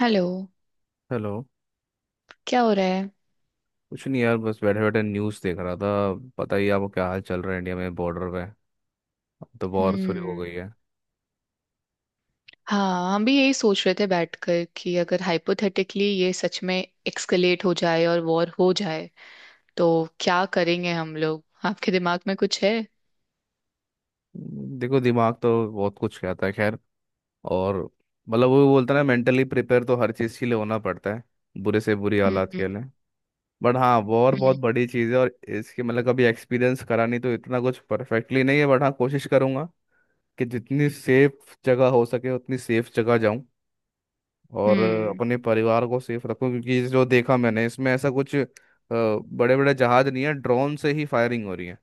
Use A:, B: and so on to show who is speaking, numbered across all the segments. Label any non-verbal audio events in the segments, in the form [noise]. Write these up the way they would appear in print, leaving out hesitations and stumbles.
A: Hello.
B: Hello.
A: क्या हो रहा है?
B: कुछ नहीं यार, बस बैठे बैठे न्यूज़ देख रहा था। पता ही है आपको क्या हाल चल रहा है इंडिया में बॉर्डर पे। अब तो वॉर शुरू हो
A: हम्म।
B: गई है।
A: हाँ, हम भी यही सोच रहे थे बैठकर कि अगर हाइपोथेटिकली ये सच में एक्सकलेट हो जाए और वॉर हो जाए तो क्या करेंगे हम लोग? आपके दिमाग में कुछ है?
B: देखो दिमाग तो बहुत कुछ कहता है, खैर। और मतलब वो बोलता है ना, मेंटली प्रिपेयर तो हर चीज़ के लिए होना पड़ता है, बुरे से बुरी हालात
A: हम्म।
B: के लिए। बट हाँ, वॉर
A: हम्म
B: बहुत बड़ी चीज़ है, और इसके मतलब कभी एक्सपीरियंस करा नहीं, तो इतना कुछ परफेक्टली नहीं है। बट हाँ, कोशिश करूंगा कि जितनी सेफ जगह हो सके, उतनी सेफ जगह जाऊं। और अपने परिवार को सेफ रखूं, क्योंकि जो देखा मैंने इसमें ऐसा कुछ बड़े बड़े जहाज नहीं है, ड्रोन से ही फायरिंग हो रही है।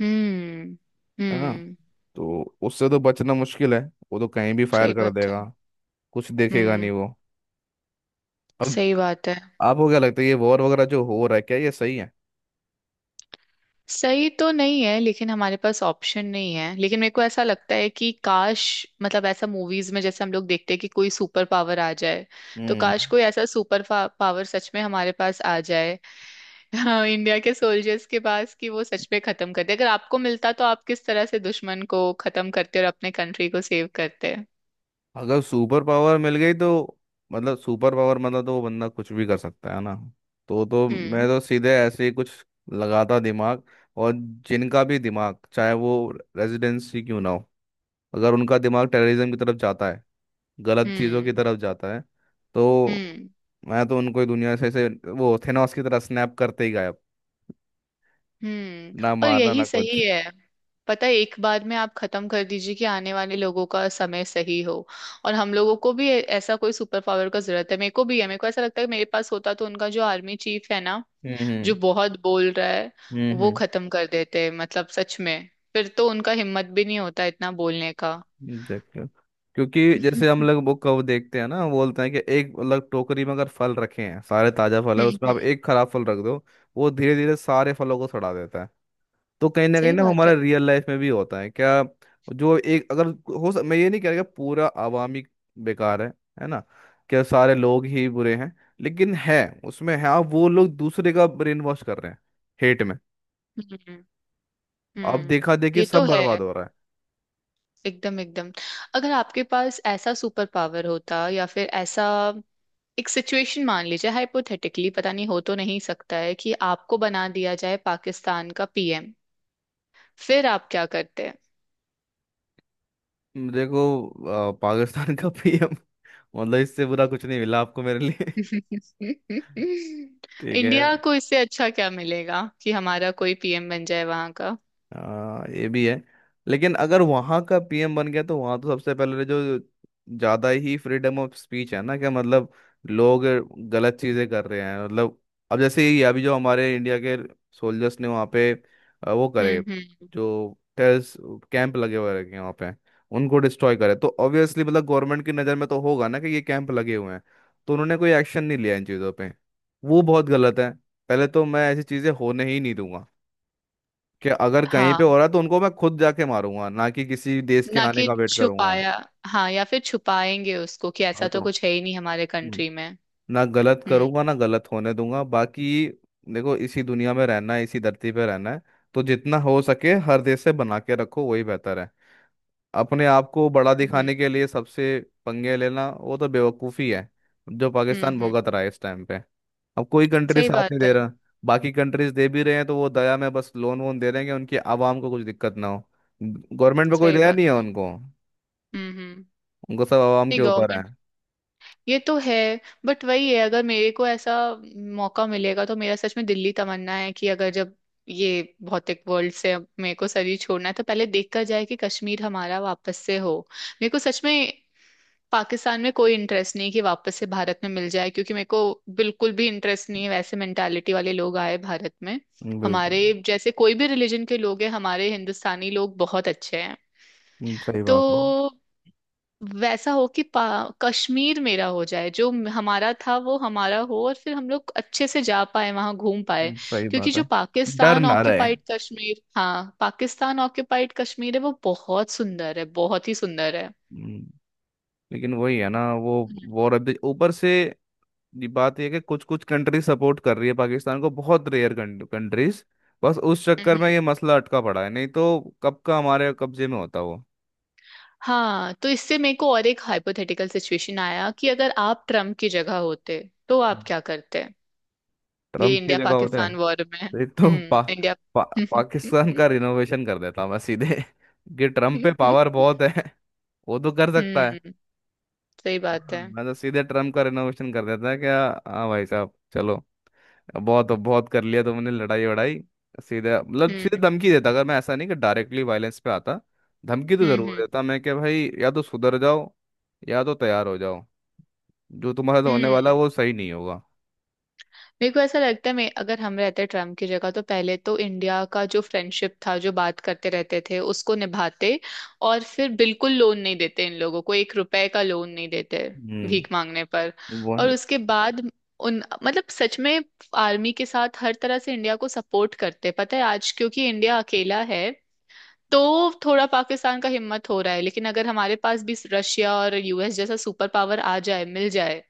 A: हम्म। हम्म।
B: है ना।
A: हम्म,
B: तो उससे तो बचना मुश्किल है। वो तो कहीं भी फायर
A: सही
B: कर
A: बात
B: देगा,
A: है।
B: कुछ देखेगा
A: हम्म।
B: नहीं वो। अब
A: सही बात है।
B: आपको क्या लगता है, ये वॉर वगैरह जो हो रहा है, क्या ये सही है?
A: सही तो नहीं है, लेकिन हमारे पास ऑप्शन नहीं है। लेकिन मेरे को ऐसा लगता है कि काश, ऐसा मूवीज में जैसे हम लोग देखते हैं कि कोई सुपर पावर आ जाए, तो
B: हम्म।
A: काश कोई ऐसा सुपर पावर सच में हमारे पास आ जाए। [laughs] हाँ, इंडिया के सोल्जर्स के पास, कि वो सच में खत्म कर दे। अगर आपको मिलता तो आप किस तरह से दुश्मन को खत्म करते और अपने कंट्री को सेव करते?
B: अगर सुपर पावर मिल गई तो, मतलब सुपर पावर मतलब तो वो बंदा कुछ भी कर सकता है ना। तो तो मैं
A: हम्म
B: तो सीधे ऐसे ही कुछ लगाता दिमाग। और जिनका भी दिमाग चाहे वो रेजिडेंसी क्यों ना हो, अगर उनका दिमाग टेररिज्म की तरफ जाता है, गलत चीज़ों की
A: हम्म।
B: तरफ जाता है, तो
A: हम्म
B: मैं तो उनको ही दुनिया से ऐसे, वो थेनोस की तरह स्नैप करते ही गायब।
A: हम्म।
B: ना
A: और
B: मारना ना
A: यही
B: कुछ।
A: सही है। पता है, एक बार में आप खत्म कर दीजिए कि आने वाले लोगों का समय सही हो। और हम लोगों को भी ऐसा कोई सुपर पावर का जरूरत है। मेरे को भी है, मेरे को ऐसा लगता है कि मेरे पास होता तो उनका जो आर्मी चीफ है ना, जो
B: हम्म।
A: बहुत बोल रहा है,
B: हम्म।
A: वो
B: हम्म।
A: खत्म कर देते। सच में, फिर तो उनका हिम्मत भी नहीं होता इतना बोलने का।
B: देखते, क्योंकि जैसे हम लोग बुक कब देखते हैं ना, वो बोलते हैं कि एक अलग टोकरी में अगर फल रखे हैं, सारे ताज़ा फल है, उसमें आप
A: हम्म।
B: एक खराब फल रख दो, वो धीरे धीरे सारे फलों को सड़ा देता है। तो कहीं ना कहीं
A: सही
B: ना,
A: बात
B: हमारा
A: है।
B: रियल लाइफ में भी होता है क्या? जो एक अगर, हो सक, मैं ये नहीं कह रहा कि पूरा आवामी बेकार है ना, क्या सारे लोग ही बुरे हैं? लेकिन है, उसमें है, आप वो लोग दूसरे का ब्रेन वॉश कर रहे हैं हेट में।
A: हम्म
B: अब
A: हम्म।
B: देखा देखी
A: ये तो
B: सब
A: है।
B: बर्बाद हो रहा
A: एकदम एकदम। अगर आपके पास ऐसा सुपर पावर होता, या फिर ऐसा एक सिचुएशन मान लीजिए हाइपोथेटिकली, पता नहीं हो तो नहीं सकता है, कि आपको बना दिया जाए पाकिस्तान का पीएम, फिर आप क्या करते हैं?
B: है। देखो, पाकिस्तान का [laughs] पीएम, मतलब इससे बुरा कुछ नहीं मिला आपको मेरे लिए? [laughs]
A: [laughs]
B: ठीक है।
A: इंडिया को इससे अच्छा क्या मिलेगा कि हमारा कोई पीएम बन जाए वहां का?
B: हाँ, ये भी है, लेकिन अगर वहां का पीएम बन गया तो वहां तो सबसे पहले तो जो ज्यादा ही फ्रीडम ऑफ स्पीच है ना, कि मतलब लोग गलत चीजें कर रहे हैं मतलब। अब जैसे ये अभी जो हमारे इंडिया के सोल्जर्स ने वहां पे वो करे,
A: हम्म।
B: जो टेररिस्ट कैंप लगे हुए रखे हैं वहां पे, उनको डिस्ट्रॉय करे, तो ऑब्वियसली मतलब गवर्नमेंट की नजर में तो होगा ना कि ये कैंप लगे हुए हैं। तो उन्होंने कोई एक्शन नहीं लिया इन चीजों पे, वो बहुत गलत है। पहले तो मैं ऐसी चीजें होने ही नहीं, कि अगर कहीं पे हो
A: हाँ।
B: रहा है तो उनको मैं खुद जाके मारूंगा, ना कि किसी देश के
A: ना
B: आने
A: कि
B: का वेट करूंगा।
A: छुपाया। हाँ, या फिर छुपाएंगे उसको कि
B: मैं
A: ऐसा तो
B: तो
A: कुछ है ही नहीं हमारे
B: हम्म,
A: कंट्री में।
B: ना गलत
A: हम्म
B: करूंगा ना गलत होने दूंगा बाकी। देखो, इसी दुनिया में रहना है, इसी धरती पे रहना है, तो जितना हो सके हर देश से बना के रखो, वही बेहतर है। अपने आप को बड़ा
A: हम्म।
B: दिखाने के लिए सबसे पंगे लेना, वो तो बेवकूफ़ी है, जो पाकिस्तान
A: हम्म।
B: भुगत रहा है इस टाइम पे। अब कोई कंट्री
A: सही
B: साथ नहीं
A: बात है।
B: दे रहा। बाकी कंट्रीज दे भी रहे हैं तो वो दया में बस लोन वोन दे रहे हैं कि उनकी आवाम को कुछ दिक्कत ना हो। गवर्नमेंट पे कोई
A: सही
B: दया
A: बात
B: नहीं है
A: है।
B: उनको,
A: हम्म।
B: उनको सब आवाम के
A: नहीं,
B: ऊपर है।
A: गवर्नमेंट। ये तो है। बट वही है, अगर मेरे को ऐसा मौका मिलेगा तो मेरा सच में दिल्ली तमन्ना है कि अगर जब ये भौतिक वर्ल्ड से अब मेरे को शरीर छोड़ना है, तो पहले देखा जाए कि कश्मीर हमारा वापस से हो। मेरे को सच में पाकिस्तान में कोई इंटरेस्ट नहीं कि वापस से भारत में मिल जाए, क्योंकि मेरे को बिल्कुल भी इंटरेस्ट नहीं है वैसे मेंटालिटी वाले लोग आए भारत में।
B: बिल्कुल।
A: हमारे जैसे कोई भी रिलीजन के लोग हैं, हमारे हिंदुस्तानी लोग बहुत अच्छे हैं।
B: सही बात है।
A: तो वैसा हो कि कश्मीर मेरा हो जाए, जो हमारा था वो हमारा हो, और फिर हम लोग अच्छे से जा पाए, वहां घूम पाए।
B: सही
A: क्योंकि
B: बात है।
A: जो
B: डर
A: पाकिस्तान
B: ना रहे।
A: ऑक्युपाइड कश्मीर, हाँ, पाकिस्तान ऑक्युपाइड कश्मीर है, वो बहुत सुंदर है, बहुत ही सुंदर है।
B: हम्म, लेकिन वही है ना वो
A: हम्म,
B: वो रद्द ऊपर से, ये बात यह है कि कुछ कुछ कंट्री सपोर्ट कर रही है पाकिस्तान को, बहुत रेयर कंट्रीज। बस उस चक्कर में
A: हम्म।
B: ये मसला अटका पड़ा है, नहीं तो कब का हमारे कब्जे में होता वो।
A: हाँ, तो इससे मेरे को और एक हाइपोथेटिकल सिचुएशन आया कि अगर आप ट्रम्प की जगह होते तो आप क्या करते? ये
B: ट्रम्प की
A: इंडिया
B: जगह होता है
A: पाकिस्तान वॉर में,
B: तो, एक तो पा,
A: हम्म, इंडिया।
B: पा, पाकिस्तान का
A: [laughs]
B: रिनोवेशन कर देता मैं सीधे। [laughs] कि ट्रम्प पे पावर बहुत है, वो तो कर सकता है।
A: हम्म। सही बात
B: हाँ,
A: है।
B: मैं तो सीधे ट्रम्प का रिनोवेशन कर देता है क्या। हाँ भाई साहब, चलो अब बहुत, अब बहुत कर लिया तुमने लड़ाई वड़ाई। सीधे मतलब सीधे
A: हम्म
B: धमकी देता, अगर मैं ऐसा नहीं कि डायरेक्टली वायलेंस पे आता। धमकी तो
A: हम्म।
B: जरूर देता मैं कि भाई या तो सुधर जाओ, या तो तैयार हो जाओ, जो तुम्हारे साथ होने वाला
A: हम्म।
B: है, वो सही नहीं होगा।
A: मेरे को ऐसा लगता है मैं अगर हम रहते ट्रम्प की जगह, तो पहले तो इंडिया का जो फ्रेंडशिप था, जो बात करते रहते थे, उसको निभाते। और फिर बिल्कुल लोन नहीं देते इन लोगों को, एक रुपए का लोन नहीं देते भीख
B: हम्म।
A: मांगने पर। और
B: वही।
A: उसके बाद उन, सच में, आर्मी के साथ हर तरह से इंडिया को सपोर्ट करते। पता है, आज क्योंकि इंडिया अकेला है, तो थोड़ा पाकिस्तान का हिम्मत हो रहा है। लेकिन अगर हमारे पास भी रशिया और यूएस जैसा सुपर पावर आ जाए, मिल जाए,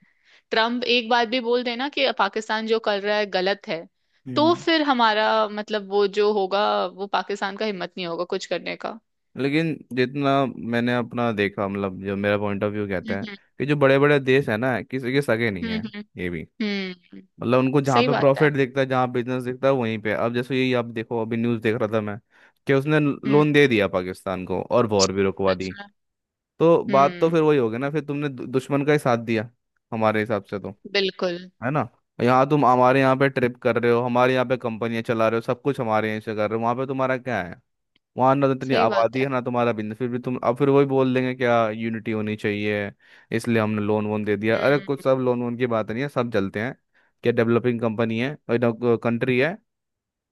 A: ट्रम्प एक बात भी बोल देना कि पाकिस्तान जो कर रहा है गलत है, तो
B: हम्म।
A: फिर हमारा वो जो होगा, वो पाकिस्तान का हिम्मत नहीं होगा कुछ करने का।
B: लेकिन जितना मैंने अपना देखा, मतलब जो मेरा पॉइंट ऑफ व्यू कहता है,
A: हम्म।
B: कि जो बड़े बड़े देश है ना, किसी के सगे नहीं
A: हम्म
B: है ये भी।
A: हम्म।
B: मतलब उनको जहाँ
A: सही
B: पे
A: बात है।
B: प्रॉफिट दिखता है, जहाँ बिजनेस दिखता है, वहीं पे। अब जैसे यही आप देखो, अभी न्यूज़ देख रहा था मैं कि उसने
A: हम्म।
B: लोन दे दिया पाकिस्तान को और वॉर भी रुकवा
A: सच
B: दी।
A: में।
B: तो बात तो
A: हम्म।
B: फिर वही हो गई ना, फिर तुमने दुश्मन का ही साथ दिया, हमारे हिसाब से तो।
A: बिल्कुल।
B: है ना, यहाँ तुम हमारे यहाँ पे ट्रिप कर रहे हो, हमारे यहाँ पे कंपनियां चला रहे हो, सब कुछ हमारे यहाँ से कर रहे हो, वहाँ पे तुम्हारा क्या है? वहां ना तो इतनी
A: सही बात
B: आबादी
A: है।
B: है ना तुम्हारा बिजनेस, फिर भी तुम अब फिर वही बोल देंगे क्या यूनिटी होनी चाहिए, इसलिए हमने लोन वोन दे दिया। अरे कुछ
A: हम्म
B: सब लोन वोन की बात नहीं है, सब चलते हैं, क्या डेवलपिंग कंपनी है और कंट्री है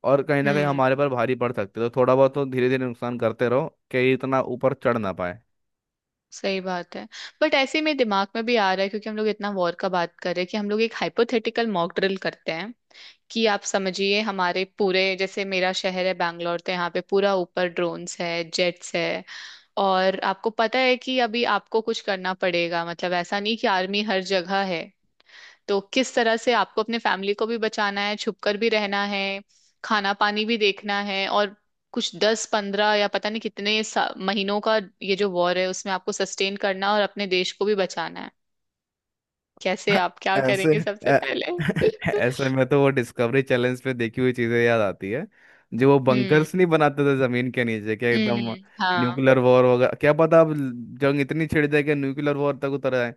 B: और कहीं ना कहीं
A: हम्म।
B: हमारे पर भारी पड़ सकते हैं, तो थोड़ा बहुत तो धीरे धीरे नुकसान करते रहो कि ये इतना ऊपर चढ़ ना पाए।
A: सही बात है। बट ऐसे में दिमाग में भी आ रहा है, क्योंकि हम लोग इतना वॉर का बात कर रहे हैं, कि हम लोग एक हाइपोथेटिकल मॉक ड्रिल करते हैं। कि आप समझिए हमारे पूरे, जैसे मेरा शहर है बैंगलोर, तो यहाँ पे पूरा ऊपर ड्रोन्स है, जेट्स है, और आपको पता है कि अभी आपको कुछ करना पड़ेगा। ऐसा नहीं कि आर्मी हर जगह है। तो किस तरह से आपको अपने फैमिली को भी बचाना है, छुपकर भी रहना है, खाना पानी भी देखना है, और कुछ 10 15 या पता नहीं कितने महीनों का ये जो वॉर है, उसमें आपको सस्टेन करना और अपने देश को भी बचाना है। कैसे? आप क्या
B: ऐसे
A: करेंगे सबसे
B: ऐ-
A: पहले? [laughs]
B: [laughs] ऐसे में तो वो डिस्कवरी चैलेंज पे देखी हुई चीजें याद आती है, जो वो
A: हम्म
B: बंकर्स नहीं बनाते थे जमीन के नीचे, क्या एकदम
A: हम्म। हाँ,
B: न्यूक्लियर वॉर वगैरह, क्या पता अब जंग इतनी छिड़ जाए कि न्यूक्लियर वॉर तक उतर आए।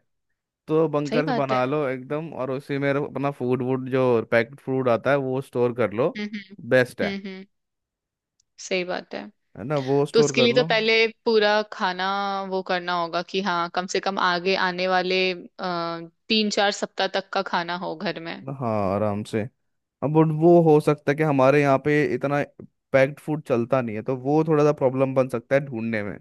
B: तो
A: सही
B: बंकर्स
A: बात है।
B: बना लो एकदम, और उसी में अपना फूड वूड जो पैक्ड फूड आता है वो स्टोर कर लो,
A: हम्म।
B: बेस्ट है।
A: हम्म हम्म, सही बात है।
B: है ना, वो
A: तो
B: स्टोर
A: उसके
B: कर
A: लिए तो
B: लो।
A: पहले पूरा खाना, वो करना होगा कि हाँ, कम से कम आगे आने वाले आ, 3 4 सप्ताह तक का खाना हो घर में।
B: हाँ आराम से। अब वो हो सकता है कि हमारे यहाँ पे इतना पैक्ड फूड चलता नहीं है, तो वो थोड़ा सा प्रॉब्लम बन सकता है ढूंढने में,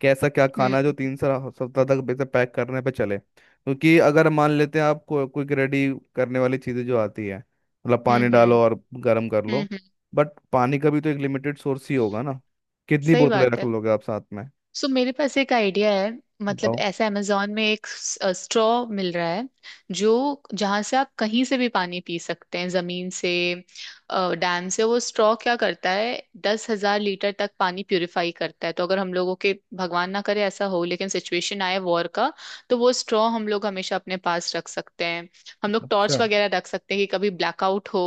B: कि ऐसा क्या खाना है जो
A: हम्म
B: 3 सप्ताह तक वैसे पैक करने पे चले, क्योंकि अगर मान लेते हैं आप को, कोई रेडी करने वाली चीज़ें जो आती है, मतलब
A: हम्म।
B: पानी डालो और गर्म कर
A: हम्म।
B: लो, बट पानी का भी तो एक लिमिटेड सोर्स ही होगा ना, कितनी
A: सही
B: बोतलें
A: बात
B: रख
A: है।
B: लोगे आप साथ में?
A: सो मेरे पास एक आइडिया है।
B: बताओ।
A: ऐसा अमेजोन में एक स्ट्रॉ मिल रहा है, जो, जहां से आप कहीं से भी पानी पी सकते हैं, जमीन से, डैम से। वो स्ट्रॉ क्या करता है, 10,000 लीटर तक पानी प्यूरिफाई करता है। तो अगर हम लोगों के, भगवान ना करे ऐसा हो, लेकिन सिचुएशन आए वॉर का, तो वो स्ट्रॉ हम लोग हमेशा अपने पास रख सकते हैं। हम लोग
B: अच्छा।
A: टॉर्च वगैरह रख सकते हैं कि कभी ब्लैकआउट हो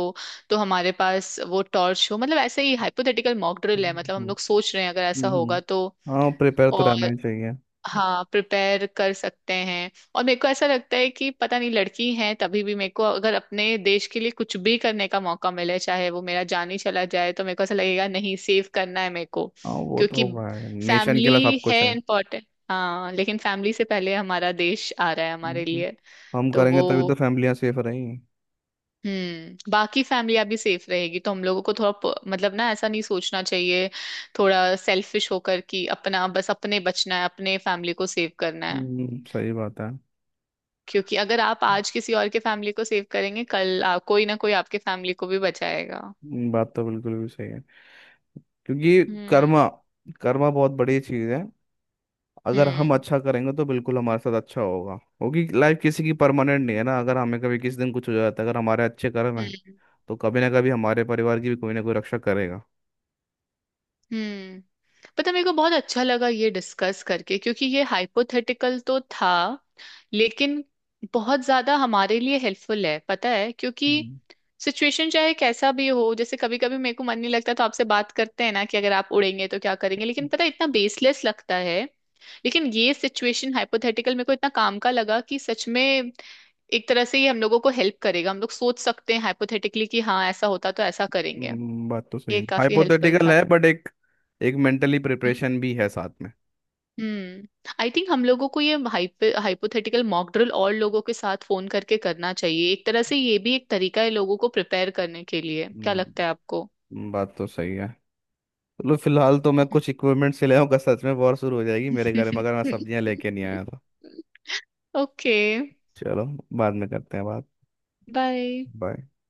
A: तो हमारे पास वो टॉर्च हो। ऐसे ही हाइपोथेटिकल मॉक ड्रिल है,
B: हम्म।
A: हम
B: हम्म।
A: लोग सोच रहे हैं अगर ऐसा
B: हम्म, हम्म।
A: होगा तो।
B: हाँ प्रिपेयर तो रहना
A: और
B: ही चाहिए।
A: हाँ, प्रिपेयर कर सकते हैं। और मेरे को ऐसा लगता है कि पता नहीं लड़की है तभी भी, मेरे को अगर अपने देश के लिए कुछ भी करने का मौका मिले, चाहे वो मेरा जान ही चला जाए, तो मेरे को ऐसा लगेगा नहीं, सेव करना है मेरे को।
B: हाँ वो
A: क्योंकि
B: तो भाई नेशन के लिए
A: फैमिली
B: सब कुछ
A: है
B: है।
A: इम्पोर्टेंट, हाँ, लेकिन फैमिली से पहले हमारा देश आ रहा है हमारे
B: हम्म।
A: लिए।
B: हम
A: तो
B: करेंगे तभी
A: वो,
B: तो फैमिलियाँ सेफ रहेंगी।
A: हम्म, बाकी फैमिली अभी सेफ रहेगी, तो हम लोगों को थोड़ा ना ऐसा नहीं सोचना चाहिए, थोड़ा सेल्फिश होकर कि अपना बस अपने बचना है, अपने फैमिली को सेव करना है।
B: सही बात है।
A: क्योंकि अगर आप आज किसी और के फैमिली को सेव करेंगे, कल कोई ना कोई आपके फैमिली को भी बचाएगा।
B: बात तो बिल्कुल भी सही है, क्योंकि
A: हम्म
B: कर्मा कर्मा बहुत बड़ी चीज़ है। अगर हम
A: हम्म।
B: अच्छा करेंगे तो बिल्कुल हमारे साथ अच्छा होगा, क्योंकि लाइफ किसी की परमानेंट नहीं है ना, अगर हमें कभी किसी दिन कुछ हो जाता है, अगर हमारे अच्छे कर्म हैं
A: हम्म
B: तो कभी ना कभी हमारे परिवार की भी कोई ना कोई रक्षा करेगा।
A: हम्म। पता है, मेरे को बहुत अच्छा लगा ये डिस्कस करके, क्योंकि ये हाइपोथेटिकल तो था लेकिन बहुत ज्यादा हमारे लिए हेल्पफुल है, पता है, क्योंकि
B: हम्म।
A: सिचुएशन चाहे कैसा भी हो, जैसे कभी कभी मेरे को मन नहीं लगता तो आपसे बात करते हैं ना कि अगर आप उड़ेंगे तो क्या करेंगे, लेकिन पता है, इतना बेसलेस लगता है। लेकिन ये सिचुएशन हाइपोथेटिकल मेरे को इतना काम का लगा, कि सच में एक तरह से ये हम लोगों को हेल्प करेगा। हम लोग सोच सकते हैं हाइपोथेटिकली कि हाँ, ऐसा होता तो ऐसा करेंगे।
B: बात तो सही
A: ये
B: है,
A: काफी हेल्पफुल
B: हाइपोथेटिकल
A: था।
B: है, बट एक, एक मेंटली प्रिपरेशन भी है साथ
A: हम्म, आई थिंक हम लोगों को ये हाइपोथेटिकल मॉक ड्रिल और लोगों के साथ फोन करके करना चाहिए। एक तरह से ये भी एक तरीका है लोगों को प्रिपेयर करने के लिए। क्या
B: में।
A: लगता है आपको?
B: बात तो सही है। चलो फिलहाल तो मैं कुछ इक्विपमेंट से ले आऊँगा, सच में वॉर शुरू हो जाएगी मेरे घर में अगर मैं
A: [laughs]
B: सब्जियां लेके नहीं आया तो।
A: ओके।
B: चलो बाद में करते हैं बात।
A: बाय।
B: बाय।